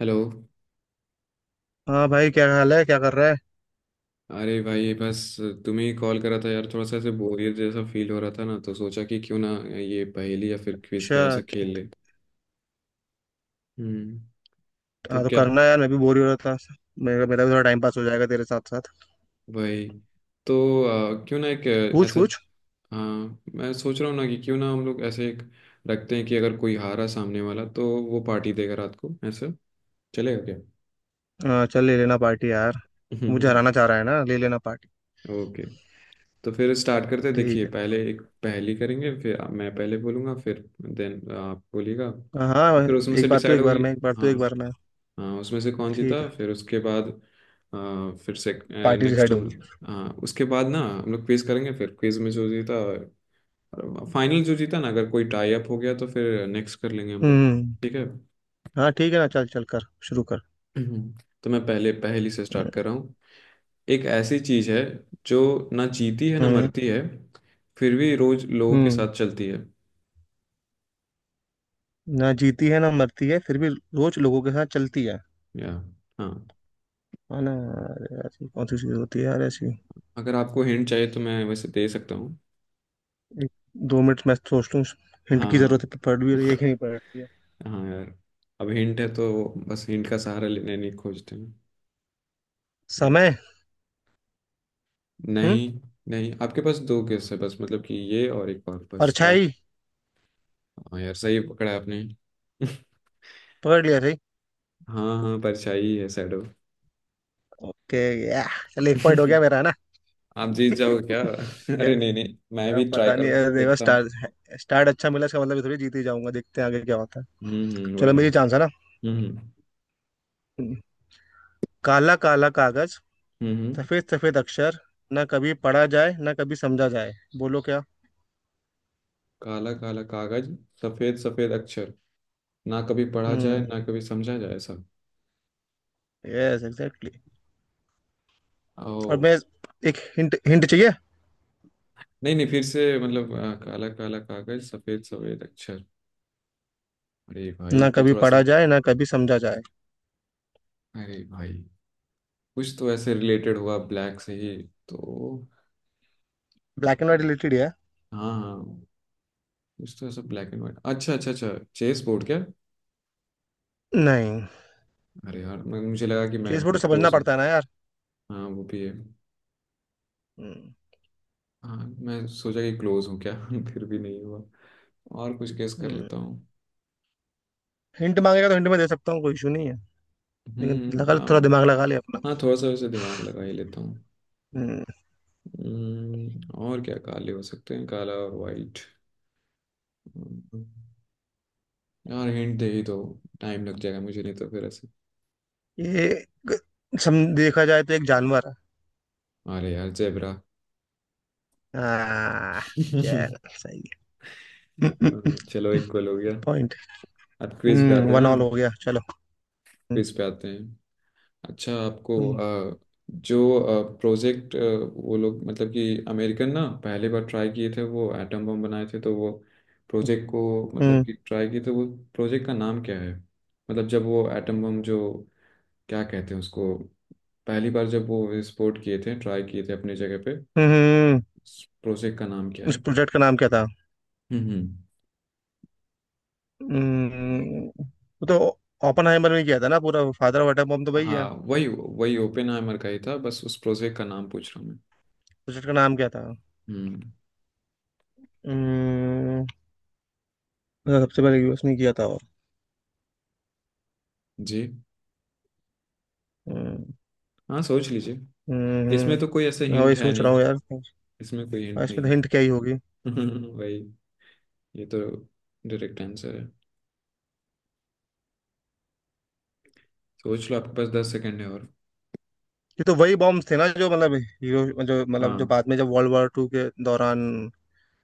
Hello. हाँ भाई, क्या हाल है? क्या कर रहा है? अरे भाई बस तुम्हें ही कॉल करा था यार, थोड़ा सा ऐसे बोरियत जैसा फील हो रहा था ना, तो सोचा कि क्यों ना ये पहेली या फिर क्विज का अच्छा। ऐसा खेल ले। हम्म तो हाँ, तो क्या? करना है यार, मैं भी बोर ही हो रहा था। मेरा मेरा भी थोड़ा टाइम पास हो जाएगा तेरे साथ साथ। भाई तो क्यों ना एक पूछ ऐसा, पूछ। हाँ मैं सोच रहा हूँ ना कि क्यों ना हम लोग ऐसे एक रखते हैं कि अगर कोई हारा सामने वाला तो वो पार्टी देगा रात को, ऐसा चलेगा क्या? हाँ, चल ले लेना पार्टी यार। तू मुझे हराना चाह रहा है ना, ले लेना पार्टी। ओके, तो फिर स्टार्ट करते हैं। देखिए ठीक है। पहले एक पहेली करेंगे, फिर मैं पहले बोलूँगा फिर देन आप बोलिएगा, हाँ, और हाँ, फिर उसमें से एक बार तू, डिसाइड एक बार होगी। मैं, एक बार तू, हाँ एक बार मैं। हाँ, उसमें से कौन ठीक जीता है। फिर उसके बाद फिर से पार्टी नेक्स्ट डिसाइड हम होगी। लोग, हाँ उसके बाद ना हम लोग क्विज करेंगे, फिर क्विज में जो जीता, फाइनल जो जीता ना, अगर कोई टाई अप हो गया तो फिर नेक्स्ट कर लेंगे हम लोग। हम्म। ठीक है। हाँ ठीक है ना, चल चल कर शुरू कर। हम्म, तो मैं पहले पहेली से स्टार्ट कर रहा हूँ। एक ऐसी चीज है जो ना जीती है ना हम्म, मरती है, फिर भी रोज लोगों के हम्म। साथ चलती है। ना जीती है, ना मरती है, फिर भी रोज लोगों के साथ चलती है। या, हाँ। है ना? अरे यार, ये कौन सी चीज होती है यार ऐसी? अगर आपको हिंट चाहिए तो मैं वैसे दे सकता हूँ। एक- 2 मिनट मैं सोच लूँ। हिंट हाँ की हाँ। जरूरत है? पढ़ भी रही है कि नहीं पढ़ रही है? हाँ यार, अब हिंट है तो बस, हिंट का सहारा लेने नहीं खोजते हैं। ओए, समय। हम्म। नहीं। नहीं, आपके पास दो गेस है बस, मतलब कि ये और एक और बस लास्ट। परछाई। हाँ यार, सही पकड़ा है आपने। पकड़ लिया सही। हाँ हाँ, परछाई है, शैडो। ओके। या। चल, 1 पॉइंट हो गया मेरा, है ना? आप जीत जाओगे क्या? या। अरे नहीं नहीं, मैं भी अब ट्राई पता नहीं। करूंगा, अरे देखो, देखता हूँ। स्टार्ट अच्छा मिला, इसका मतलब ये थोड़ी जीत ही जाऊंगा, देखते हैं आगे क्या होता है। हम्म, वही चलो, ना। मेरी चांस है ना। हम्म हम्म हम्म। काला काला कागज, हम्म, हम्म। सफेद सफेद अक्षर, ना कभी पढ़ा जाए, ना कभी समझा जाए। बोलो क्या? काला काला कागज, सफेद सफेद अक्षर, ना कभी पढ़ा जाए हम्म। ना कभी समझा जाए, सब। Yes, exactly. और ओ, मैं, एक हिंट हिंट चाहिए। नहीं नहीं फिर से, मतलब काला काला कागज, सफेद सफेद अक्षर। अरे भाई ना तो कभी थोड़ा सा, पढ़ा जाए, ना कभी समझा जाए। अरे भाई कुछ तो ऐसे रिलेटेड हुआ ब्लैक से ही, तो ब्लैक एंड क्या? व्हाइट रिलेटेड है। हाँ हाँ, कुछ तो ऐसा ब्लैक एंड व्हाइट, अच्छा अच्छा अच्छा। चेस बोर्ड क्या? नहीं। अरे यार, मुझे लगा कि मैं चेस बोर्ड समझना क्लोज हूँ। पड़ता है ना यार। हाँ वो भी है। हम्म, हाँ, मैं सोचा कि क्लोज हूँ क्या? फिर भी नहीं हुआ। और कुछ गेस कर लेता हम्म। हूँ। हिंट मांगेगा तो हिंट में दे सकता हूँ, कोई इशू नहीं है। लेकिन हम्म लगा, थोड़ा आम- दिमाग लगा ले अपना। हाँ, थोड़ा सा वैसे दिमाग लगा ही लेता हूँ। हम्म। और क्या काले हो सकते हैं, काला और वाइट। यार हिंट दे ही दो, टाइम लग जाएगा मुझे, नहीं तो फिर ऐसे। ये सम देखा जाए तो एक जानवर है। अरे यार, जेबरा। हाँ। चल, सही है। चलो इक्वल हो गया। पॉइंट। अब क्विज पे आते हैं वन ना। ऑल हो गया, चलो। हम्म, क्विज पे आते हैं। अच्छा आपको, हम्म, अ, जो प्रोजेक्ट वो लोग मतलब कि अमेरिकन ना पहले बार ट्राई किए थे, वो एटम बम बनाए थे, तो वो प्रोजेक्ट को, मतलब हम्म। कि ट्राई किए थे वो, प्रोजेक्ट का नाम क्या है? मतलब जब वो एटम बम जो, क्या कहते हैं उसको, पहली बार जब वो एक्सपोर्ट किए थे, ट्राई किए थे अपनी जगह पे, हम्म। हम्म। प्रोजेक्ट का नाम क्या उस है? प्रोजेक्ट का नाम क्या था? हम्म। हम्म। वो तो ओपनहाइमर में किया था ना, पूरा फादर ऑफ एटम बम तो वही है। हाँ वही वही, ओपन हाइमर का ही था, बस उस प्रोजेक्ट का नाम पूछ रहा हूँ मैं। प्रोजेक्ट का नाम क्या था? हम्म, हम्म। सबसे पहले यूएस में किया था। जी। हम्म। हाँ, सोच लीजिए। इसमें हम्म। तो कोई ऐसे मैं वही हिंट है सोच रहा हूँ नहीं, यार। इसमें कोई और हिंट इसमें नहीं तो हिंट है। क्या ही होगी। वही, ये तो डायरेक्ट आंसर है। सोच लो, आपके पास 10 सेकेंड है, और ये तो वही बॉम्ब्स थे ना, जो मतलब हीरो, जो मतलब, जो हाँ। बाद में, जब वर्ल्ड वॉर टू के दौरान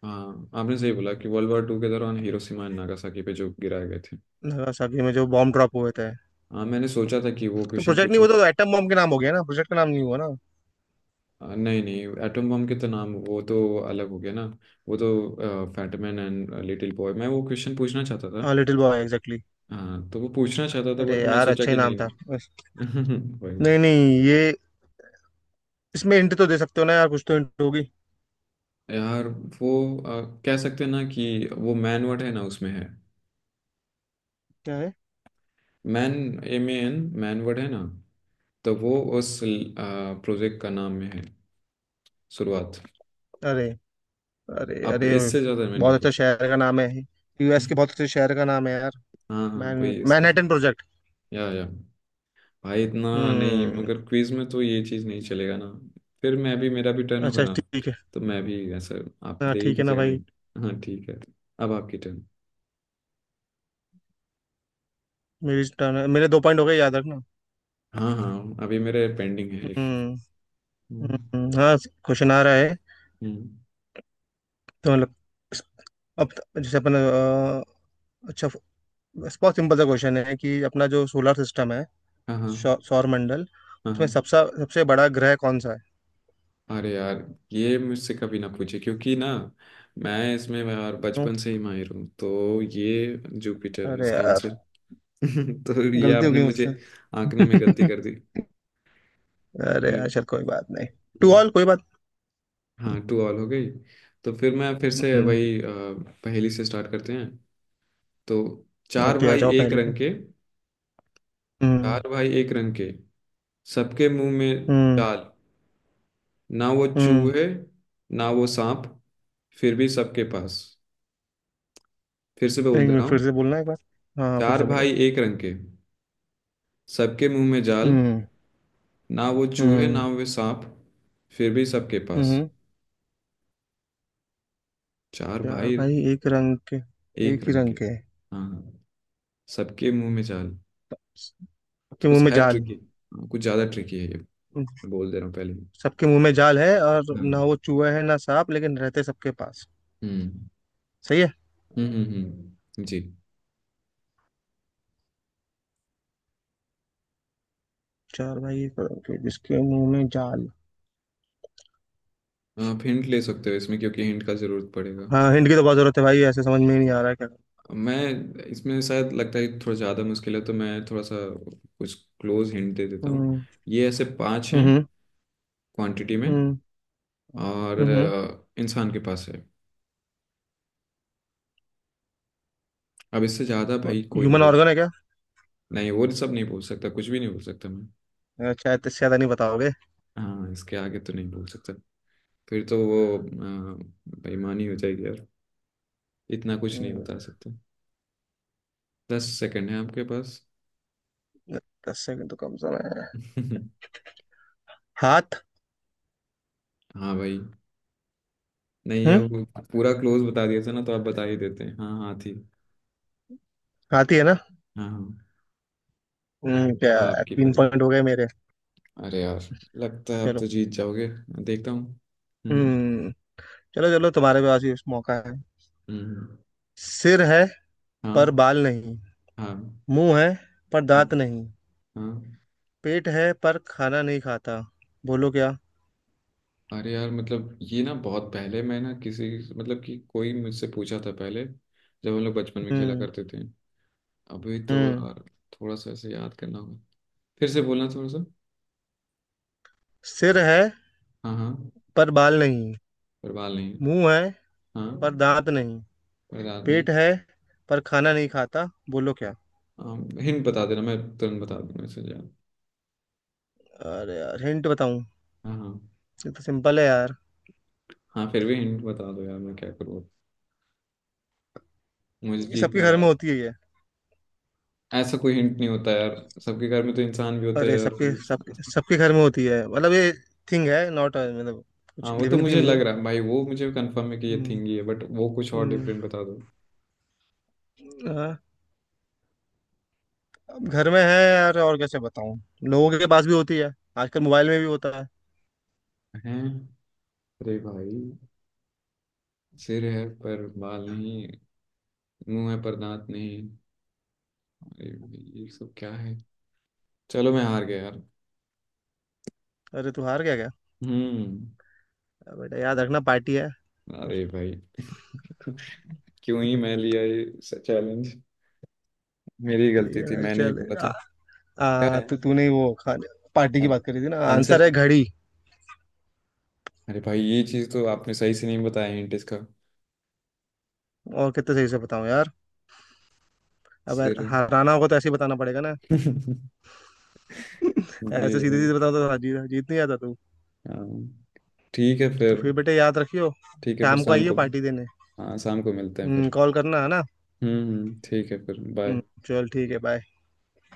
हाँ, आपने सही बोला कि वर्ल्ड वार टू के दौरान हिरोशिमा एंड नागासाकी पे जो गिराए गए थे। नागासाकी में जो बॉम्ब ड्रॉप हुए थे। हाँ मैंने सोचा था कि वो तो क्वेश्चन प्रोजेक्ट नहीं पूछूं। हुआ, तो एटम बॉम्ब के नाम हो गया ना, प्रोजेक्ट का नाम नहीं हुआ ना। नहीं नहीं, एटम बम के तो नाम वो तो अलग हो गया ना, वो तो फैटमैन एंड लिटिल बॉय, मैं वो क्वेश्चन पूछना चाहता था। हाँ, लिटिल बॉय एग्जैक्टली। हाँ तो वो पूछना चाहता था, अरे बट मैं यार, सोचा अच्छा ही कि नाम नहीं था। नहीं। वही। नहीं, नहीं, ये, इसमें हिंट तो दे सकते हो ना यार, कुछ तो हिंट होगी। यार वो कह सकते हैं ना कि वो मैन वर्ड है ना उसमें है। क्या है? Man, M A N, man word है ना, तो वो उस प्रोजेक्ट का नाम में है, शुरुआत। अरे, अरे, अब अरे, इससे ज़्यादा मैं बहुत नहीं अच्छा पूछ। शहर का नाम है। यूएस के बहुत अच्छे शहर का नाम है यार। हाँ हाँ, मैन। कोई मैनहट्टन प्रोजेक्ट। या, भाई इतना नहीं, हम्म। मगर क्विज में तो ये चीज नहीं चलेगा ना, फिर मैं भी, मेरा भी टर्न होगा अच्छा, ना, ठीक है। तो मैं भी ऐसा, आप हाँ, दे ही ठीक है ना दीजिएगा भाई। हिंट। हाँ ठीक है। अब आपकी टर्न। मेरी टर्न है, मेरे 2 पॉइंट हो गए, याद रखना। हाँ हाँ, अभी मेरे पेंडिंग है एक। हम्म, हम्म हाँ। क्वेश्चन आ रहा है। हम्म, तो मतलब, अब जैसे अपन अच्छा, बहुत सिंपल सा क्वेश्चन है कि अपना जो सोलर सिस्टम है, हाँ। हाँ सौर मंडल, हाँ उसमें हाँ। सबसे सबसे बड़ा ग्रह कौन सा है? अरे यार, ये मुझसे कभी ना पूछे, क्योंकि ना मैं इसमें यार क्यों? बचपन से ही माहिर हूँ, तो ये जुपिटर है अरे इसका यार, आंसर। तो ये गलती हो आपने गई मुझे मुझसे। आंकने में गलती कर दी। अरे अबे, यार, चल कोई बात नहीं। टू हम्म। ऑल कोई बात। हाँ, टू ऑल हो गई। तो फिर मैं फिर से हम्म। वही पहेली से स्टार्ट करते हैं। तो, चार ओके, आ भाई जाओ एक पहले पे। रंग के। हम्म, चार भाई एक रंग के, सबके मुंह में हम्म, जाल, ना वो हम्म। चूहे ना वो सांप, फिर भी सबके पास। फिर से एक बोल दे रहा मिनट, फिर हूँ। से बोलना एक बार। हाँ, हाँ, फिर चार से बोलो। भाई एक रंग के, सबके मुंह में जाल, हम्म, ना वो चूहे ना हम्म, वो सांप, फिर भी सबके पास। हम्म। चार यार, भाई भाई एक रंग के, एक एक ही रंग के, रंग के हैं। हाँ हाँ, सबके मुंह में जाल। सबके थोड़ा मुंह सा में है जाल। ट्रिकी, कुछ ज्यादा ट्रिकी है ये, मैं बोल दे रहा हूँ पहले ही। सबके मुंह में जाल है, और हाँ। ना वो चूहा है, ना सांप, लेकिन रहते सबके पास। हम्म सही है। जी। चार भाई एक रंग के, जिसके मुंह में जाल। आप हिंट ले सकते हो इसमें, क्योंकि हिंट का ज़रूरत पड़ेगा। हाँ, हिंट की तो बहुत जरूरत है भाई, ऐसे समझ में ही नहीं आ रहा है क्या। मैं, इसमें शायद लगता है कि थोड़ा ज़्यादा मुश्किल है, तो मैं थोड़ा सा कुछ क्लोज हिंट दे देता हूँ। हम्म, ये ऐसे पांच हैं हम्म, क्वांटिटी में, हम्म, और हम्म। इंसान के पास है। अब इससे ज़्यादा भाई कोई नहीं ह्यूमन बोल सकता। ऑर्गन है क्या? नहीं, वो सब नहीं बोल सकता, कुछ भी नहीं बोल सकता मैं। अच्छा, इतने ज्यादा नहीं बताओगे? हाँ, इसके आगे तो नहीं बोल सकता, फिर तो वो बेईमानी हो जाएगी यार, इतना कुछ नहीं बता हम्म। सकते। 10 सेकंड है आपके पास। 10 सेकंड तो कम समय है। हाथ। हाँ भाई। नहीं, हम्म। अब पूरा क्लोज बता दिया था ना, तो आप बता ही देते हैं। हाँ हाँ, थी। हाथ ही है ना? हाँ हाँ। हम्म, क्या? हाँ, आपकी तीन पारी। पॉइंट हो गए मेरे। अरे यार, लगता है आप चलो। तो जीत जाओगे। देखता हूँ। हम्म हम्म। चलो, चलो, तुम्हारे पास भी मौका है। हम्म हम्म। सिर है, हाँ। पर बाल नहीं। हाँ। मुंह है, पर हाँ। दांत नहीं। हाँ। पेट है पर खाना नहीं खाता। बोलो क्या? अरे यार, मतलब ये ना बहुत पहले मैं ना किसी, मतलब कि कोई मुझसे पूछा था पहले, जब हम लोग बचपन में खेला हम्म, करते थे। अभी तो हम्म। यार, थोड़ा सा ऐसे याद करना होगा। फिर से बोलना थोड़ा सा। सिर है, हाँ हाँ। पर बाल नहीं। परवाल नहीं है। मुंह है, पर हाँ। दांत नहीं। परदाद नहीं। पेट है पर खाना नहीं खाता। बोलो क्या? हिंट बता देना, मैं तुरंत बता दूंगा इसे यार। अरे यार, हिंट बताऊं? हाँ हाँ। ये तो सिंपल है यार। हाँ, फिर भी हिंट बता दो यार, मैं क्या करूँ, मुझे ये सबके जीतना घर में यार। होती है ये। ऐसा कोई हिंट नहीं होता यार, सबके घर में तो इंसान भी होते अरे, हैं, और सबके फिर सबके सबके घर में होती है मतलब ये, थिंग है नॉट, मतलब हाँ, कुछ वो तो लिविंग थिंग मुझे नहीं लग है। रहा है भाई, वो मुझे कंफर्म है कि ये थिंग हम्म, ही है, बट वो कुछ और हम्म। डिफरेंट बता दो। हाँ। अब घर में है यार, और कैसे बताऊं? लोगों के पास भी होती है। आजकल मोबाइल में भी होता है। हैं? अरे भाई, सिर है पर बाल नहीं, मुंह है पर दांत नहीं, अरे भाई, ये सब क्या है? चलो मैं हार गया यार। अरे तू हार गया क्या? हम्म। अब बेटा, याद रखना, पार्टी है। अरे भाई। क्यों ही मैं लिया ये चैलेंज, मेरी ठीक गलती है थी, ना, मैंने ही चल, बोला था। आ, क्या आ, है तो तूने वो खाने पार्टी की बात करी थी ना, आंसर? आंसर है घड़ी। अरे भाई, ये चीज तो आपने सही से नहीं बताया, हिंट इसका। और कितने सही से बताऊं यार? अब सिर। हराना होगा तो ऐसे ही बताना पड़ेगा ना। ऐसे ये सीधे भाई। सीधे बताओ तो जीत, जीत नहीं आता तू। हाँ, ठीक है तो फिर, फिर बेटे, याद रखियो। ठीक है फिर शाम को शाम आइयो को। पार्टी देने। हाँ, शाम को मिलते हैं फिर। कॉल करना है ना? ठीक है फिर, बाय। हम्म, चल ठीक है, बाय।